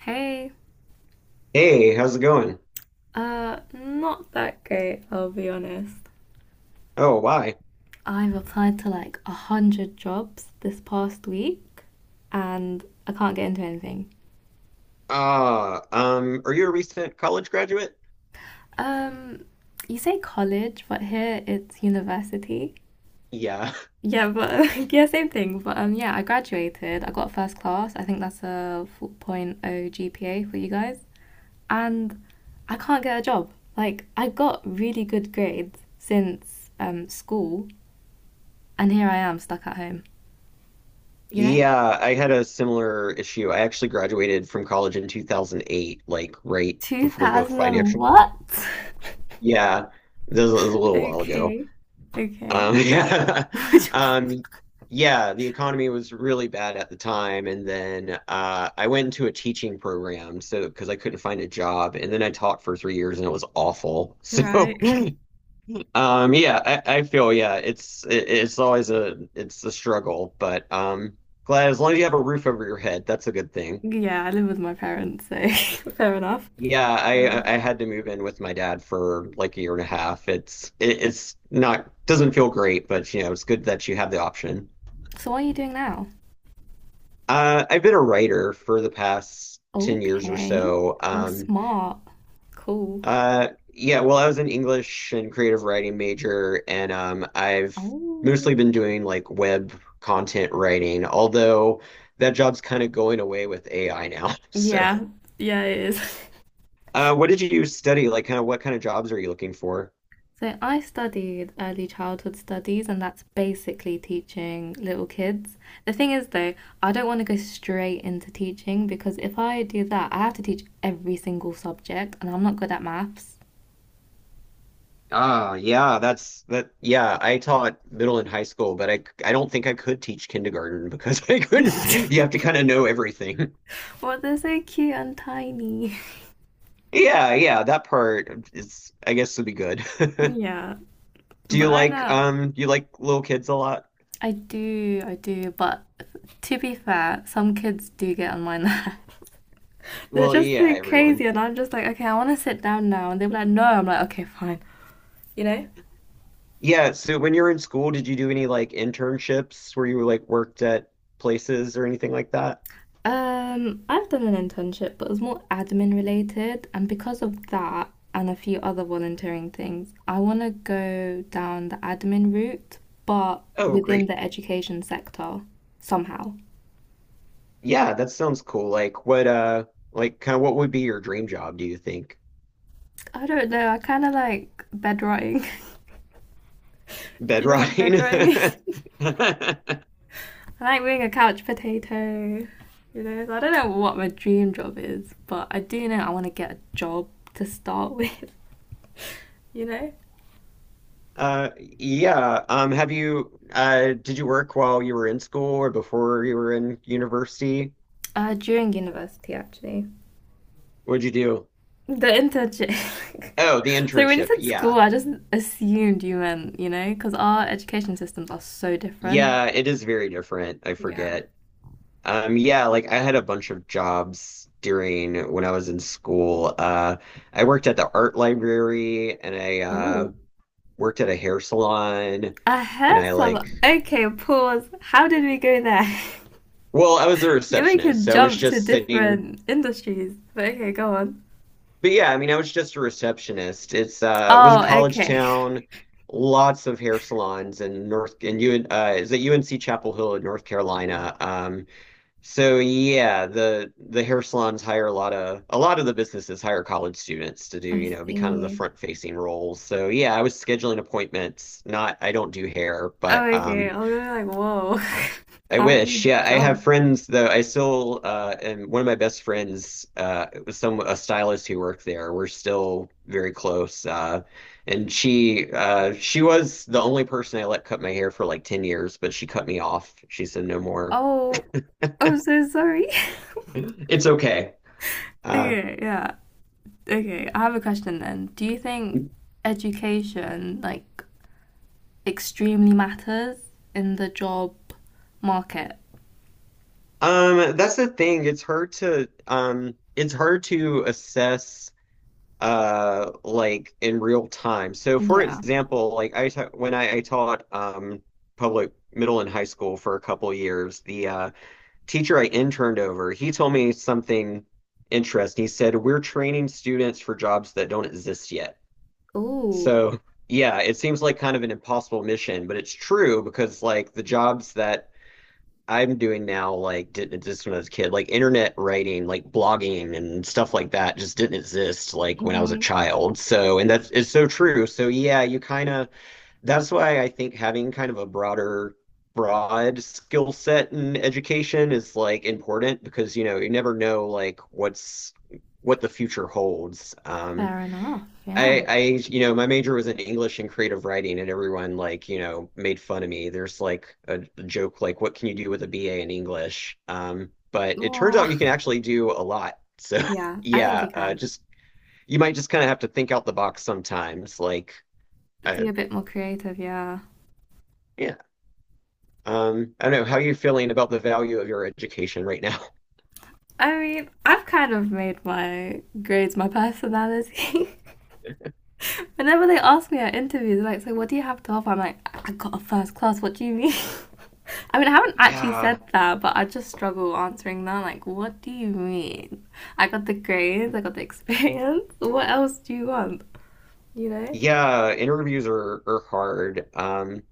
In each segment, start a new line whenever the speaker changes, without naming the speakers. Hey.
Hey, how's it going?
Not that great, I'll be honest.
Oh, why?
I've applied to like a hundred jobs this past week and I can't get into anything.
Are you a recent college graduate?
Um, you say college, but here it's university.
Yeah.
Yeah, but yeah, same thing. But yeah, I graduated. I got first class. I think that's a 4.0 point oh GPA for you guys. And I can't get a job. Like, I got really good grades since school, and here I am stuck at home, you know?
Yeah, I had a similar issue. I actually graduated from college in 2008, like right before the
2000 and
financial.
what?
Yeah, this was a little while ago.
Okay. Okay.
Yeah. Yeah, the economy was really bad at the time, and then I went into a teaching program so because I couldn't find a job, and then I taught for 3 years, and it was awful. So
Right.
Yeah, I feel yeah, it's always a struggle, but glad as long as you have a roof over your head, that's a good thing.
Yeah, I live with my parents, so fair enough.
Yeah,
Uh,
I had to move in with my dad for like a year and a half. It's not doesn't feel great, but you know, it's good that you have the option.
so what are you doing now?
I've been a writer for the past 10 years or
Okay.
so.
Well, smart. Cool.
Yeah, well, I was an English and creative writing major, and I've mostly
Oh.
been doing like web content writing, although that job's kind of going away with AI now. So,
Yeah. Yeah, it is.
what did you study? Like, kind of what kind of jobs are you looking for?
So I studied early childhood studies, and that's basically teaching little kids. The thing is, though, I don't want to go straight into teaching because if I do that, I have to teach every single subject, and I'm not good at maths.
Ah, yeah, that's that. Yeah, I taught middle and high school, but I don't think I could teach kindergarten because I couldn't. You have to kind of know everything.
But they're so cute and tiny.
Yeah, yeah, that part is, I guess, would be good.
Yeah.
Do
But right now,
you like little kids a lot?
I do, I do. But to be fair, some kids do get on my nerves. They're
Well,
just
yeah,
so
everyone.
crazy, and I'm just like, okay, I want to sit down now. And they're like, no. I'm like, okay, fine. You know?
Yeah, so when you were in school, did you do any like internships where you like worked at places or anything like that?
I've done an internship, but it was more admin related, and because of that and a few other volunteering things, I want to go down the admin route, but
Oh,
within
great.
the education sector somehow.
Yeah, that sounds cool. Like what like kind of what would be your dream job, do you think?
I don't know, I kind of like bedrotting. Do
Bed
you know what
rotting?
bedrotting is? I like being a couch potato, you know? So I don't know what my dream job is, but I do know I want to get a job to start with, you know?
Yeah, have you did you work while you were in school or before you were in university?
During university, actually.
What'd you do?
The interchange.
Oh, the
So when you
internship.
said school,
Yeah.
I just assumed you meant, you know, because our education systems are so different.
Yeah, it is very different. I
Yeah.
forget. Yeah, like I had a bunch of jobs during when I was in school. I worked at the art library and I
Oh,
worked at a hair salon
a
and
hair
I like,
salon. Okay, pause. How did we go there?
well, I was a
You're
receptionist,
making
so I was
jumps to
just sitting.
different industries. But okay, go on.
But yeah, I mean, I was just a receptionist. It's it was a
Oh,
college
okay.
town, lots of hair salons in North and you is it UNC Chapel Hill in North Carolina. So yeah, the hair salons hire a lot of the businesses hire college students to do,
I
you know, be kind of the
see.
front facing roles. So yeah, I was scheduling appointments. Not I don't do hair, but
Oh, okay. I was gonna be like, whoa.
I
How did you
wish. Yeah, I have
jump?
friends though. I still and one of my best friends was some a stylist who worked there. We're still very close. And she was the only person I let cut my hair for like 10 years, but she cut me off. She said no more.
Oh, I'm so sorry.
It's okay. Uh,
Okay, yeah. Okay, I have a question then. Do you think education like extremely matters in the job market?
That's the thing. It's hard to assess like in real time. So for
Yeah.
example, like I ta when I taught public middle and high school for a couple years, the teacher I interned over, he told me something interesting. He said, "We're training students for jobs that don't exist yet."
Oh,
So, yeah, it seems like kind of an impossible mission, but it's true because like the jobs that I'm doing now, like didn't exist when I was a kid, like internet writing, like blogging and stuff like that just didn't exist like when I was a
hmm,
child. So, and that's it's so true. So yeah, you kind of that's why I think having kind of broad skill set in education is like important because you know you never know like what the future holds.
fair enough. Yeah.
I, I, you know, my major was in English and creative writing, and everyone like, you know, made fun of me. There's like a joke like, what can you do with a BA in English? But it turns out
Oh.
you can actually do a lot. So
Yeah, I think
yeah,
you can
just you might just kind of have to think out the box sometimes.
be
Uh,
a bit more creative. Yeah.
yeah, I don't know how are you feeling about the value of your education right now.
I mean, I've kind of made my grades my personality. Whenever they ask me at interviews, like, so what do you have to offer? I'm like, I got a first class. What do you mean? I mean, I haven't actually said
Yeah,
that, but I just struggle answering that. Like, what do you mean? I got the grades, I got the experience. What else do you want? You know?
yeah, interviews are hard.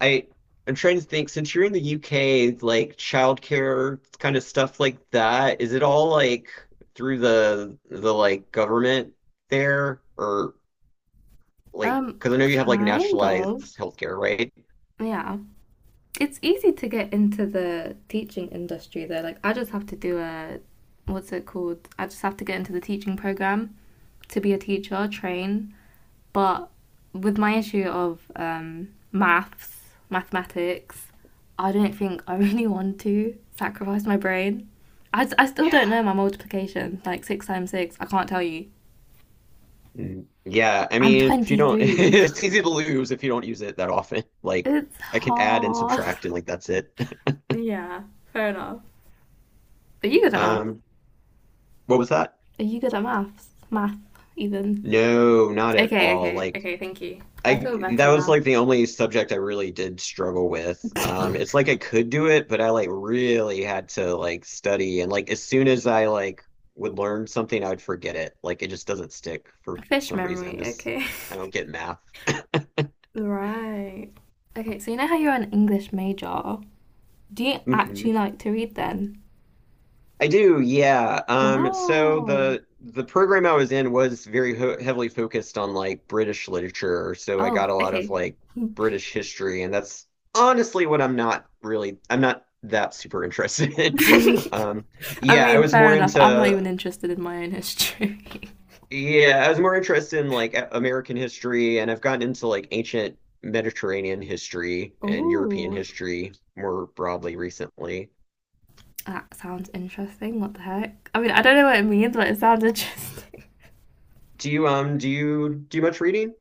I I'm trying to think, since you're in the UK, like childcare kind of stuff like that, is it all like through the like government there or like
Um,
because I know you have like
Kind
nationalized
of.
healthcare, right?
Yeah. It's easy to get into the teaching industry though. Like I just have to do a what's it called? I just have to get into the teaching program to be a teacher, train. But with my issue of maths, mathematics, I don't think I really want to sacrifice my brain. I still don't know
Yeah.
my multiplication. Like six times six, I can't tell you.
Mm. Yeah, I
I'm
mean, if you don't,
23.
it's easy to lose if you don't use it that often. Like,
It's
I can add and
hard.
subtract, and like that's it.
Yeah, fair enough. But you got a math.
Um, what was that?
Are you good at maths? Math, even.
No, not at
Okay,
all.
okay,
Like,
okay, thank you. I feel
I That
better
was
now.
like the only subject I really did struggle with. It's like I could do it, but I like really had to like study and like as soon as I would learn something, I would forget it. Like it just doesn't stick for
Fish
some reason.
memory,
Just
okay.
I don't get math.
Right. Okay, so you know how you're an English major? Do you actually like to read then?
I do, yeah. So
Wow.
the program I was in was very ho heavily focused on like British literature, so I
Oh,
got a lot of
okay.
like British history, and that's honestly what I'm not that super interested in.
I
Yeah, I
mean,
was
fair
more
enough. I'm not
into
even interested in my own history.
yeah, I was more interested in like American history, and I've gotten into like ancient Mediterranean history and European
Oh,
history more broadly recently.
that sounds interesting. What the heck? I mean, I don't know what it means, but it sounds interesting.
Do you do you do much reading?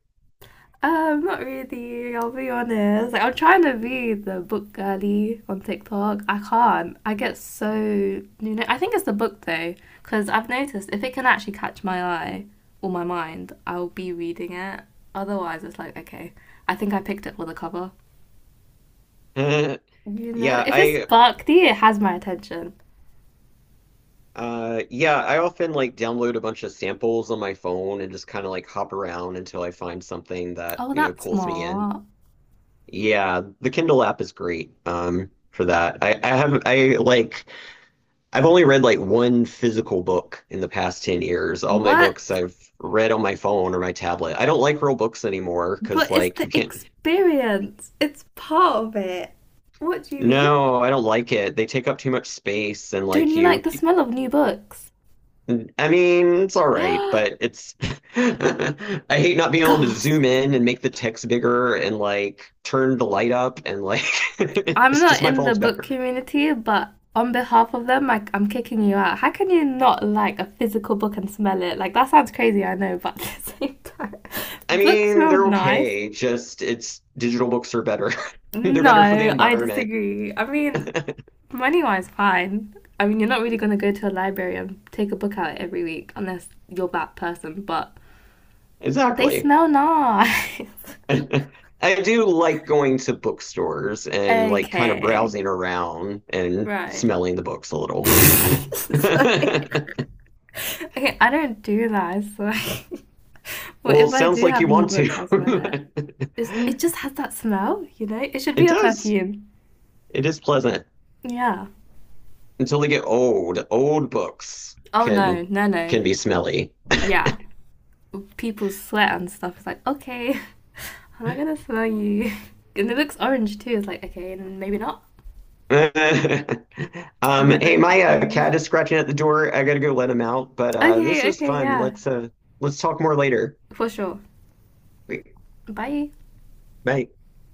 Not really. I'll be honest. Like, I'm trying to be the book girly on TikTok. I can't. I get so you know. I think it's the book though, because I've noticed if it can actually catch my eye or my mind, I'll be reading it. Otherwise, it's like okay. I think I picked it for the cover. You know,
Yeah,
if it's
I
sparkly, it has my attention.
Yeah, I often like download a bunch of samples on my phone and just kind of like hop around until I find something that,
Oh,
you know,
that's
pulls me in.
smart.
Yeah, the Kindle app is great, for that. I've only read like one physical book in the past 10 years. All my
What?
books I've read on my phone or my tablet. I don't like real books anymore because
But it's
like
the
you can't.
experience. It's part of it. What do you mean?
No, I don't like it. They take up too much space and
Don't
like
you like
you
the smell of new books?
I mean, it's all right, but it's I hate not being able to
Goth.
zoom in and make the text bigger and like turn the light up and like
I'm
it's
not
just my
in the
phone's
book
better.
community, but on behalf of them, like I'm kicking you out. How can you not like a physical book and smell it? Like that sounds crazy, I know, but at the same time,
I
books
mean,
smell
they're
nice.
okay, just it's digital books are better. They're better for the
No, I
environment.
disagree. I mean, money-wise, fine. I mean, you're not really gonna go to a library and take a book out every week unless you're that person, but they
Exactly.
smell nice.
I do like going to bookstores and like kind of
Okay,
browsing around and
right.
smelling the books a little.
Sorry. Okay, I don't do that. So, like, well,
Well, it
if I
sounds
do
like you
have new
want to.
books, I'll smell it. It just has that smell, you know? It should
It
be a
does.
perfume.
It is pleasant
Yeah.
until they get old. Old books
Oh no, no, no.
can be smelly.
Yeah. People sweat and stuff. It's like, okay, I'm not gonna smell you. And it looks orange too. It's like, okay, then maybe not. You
Hey,
look like
my
you.
cat is scratching at the door. I gotta go let him out, but this
Okay,
was
okay,
fun.
yeah,
Let's talk more later.
for sure. Bye.
Bye.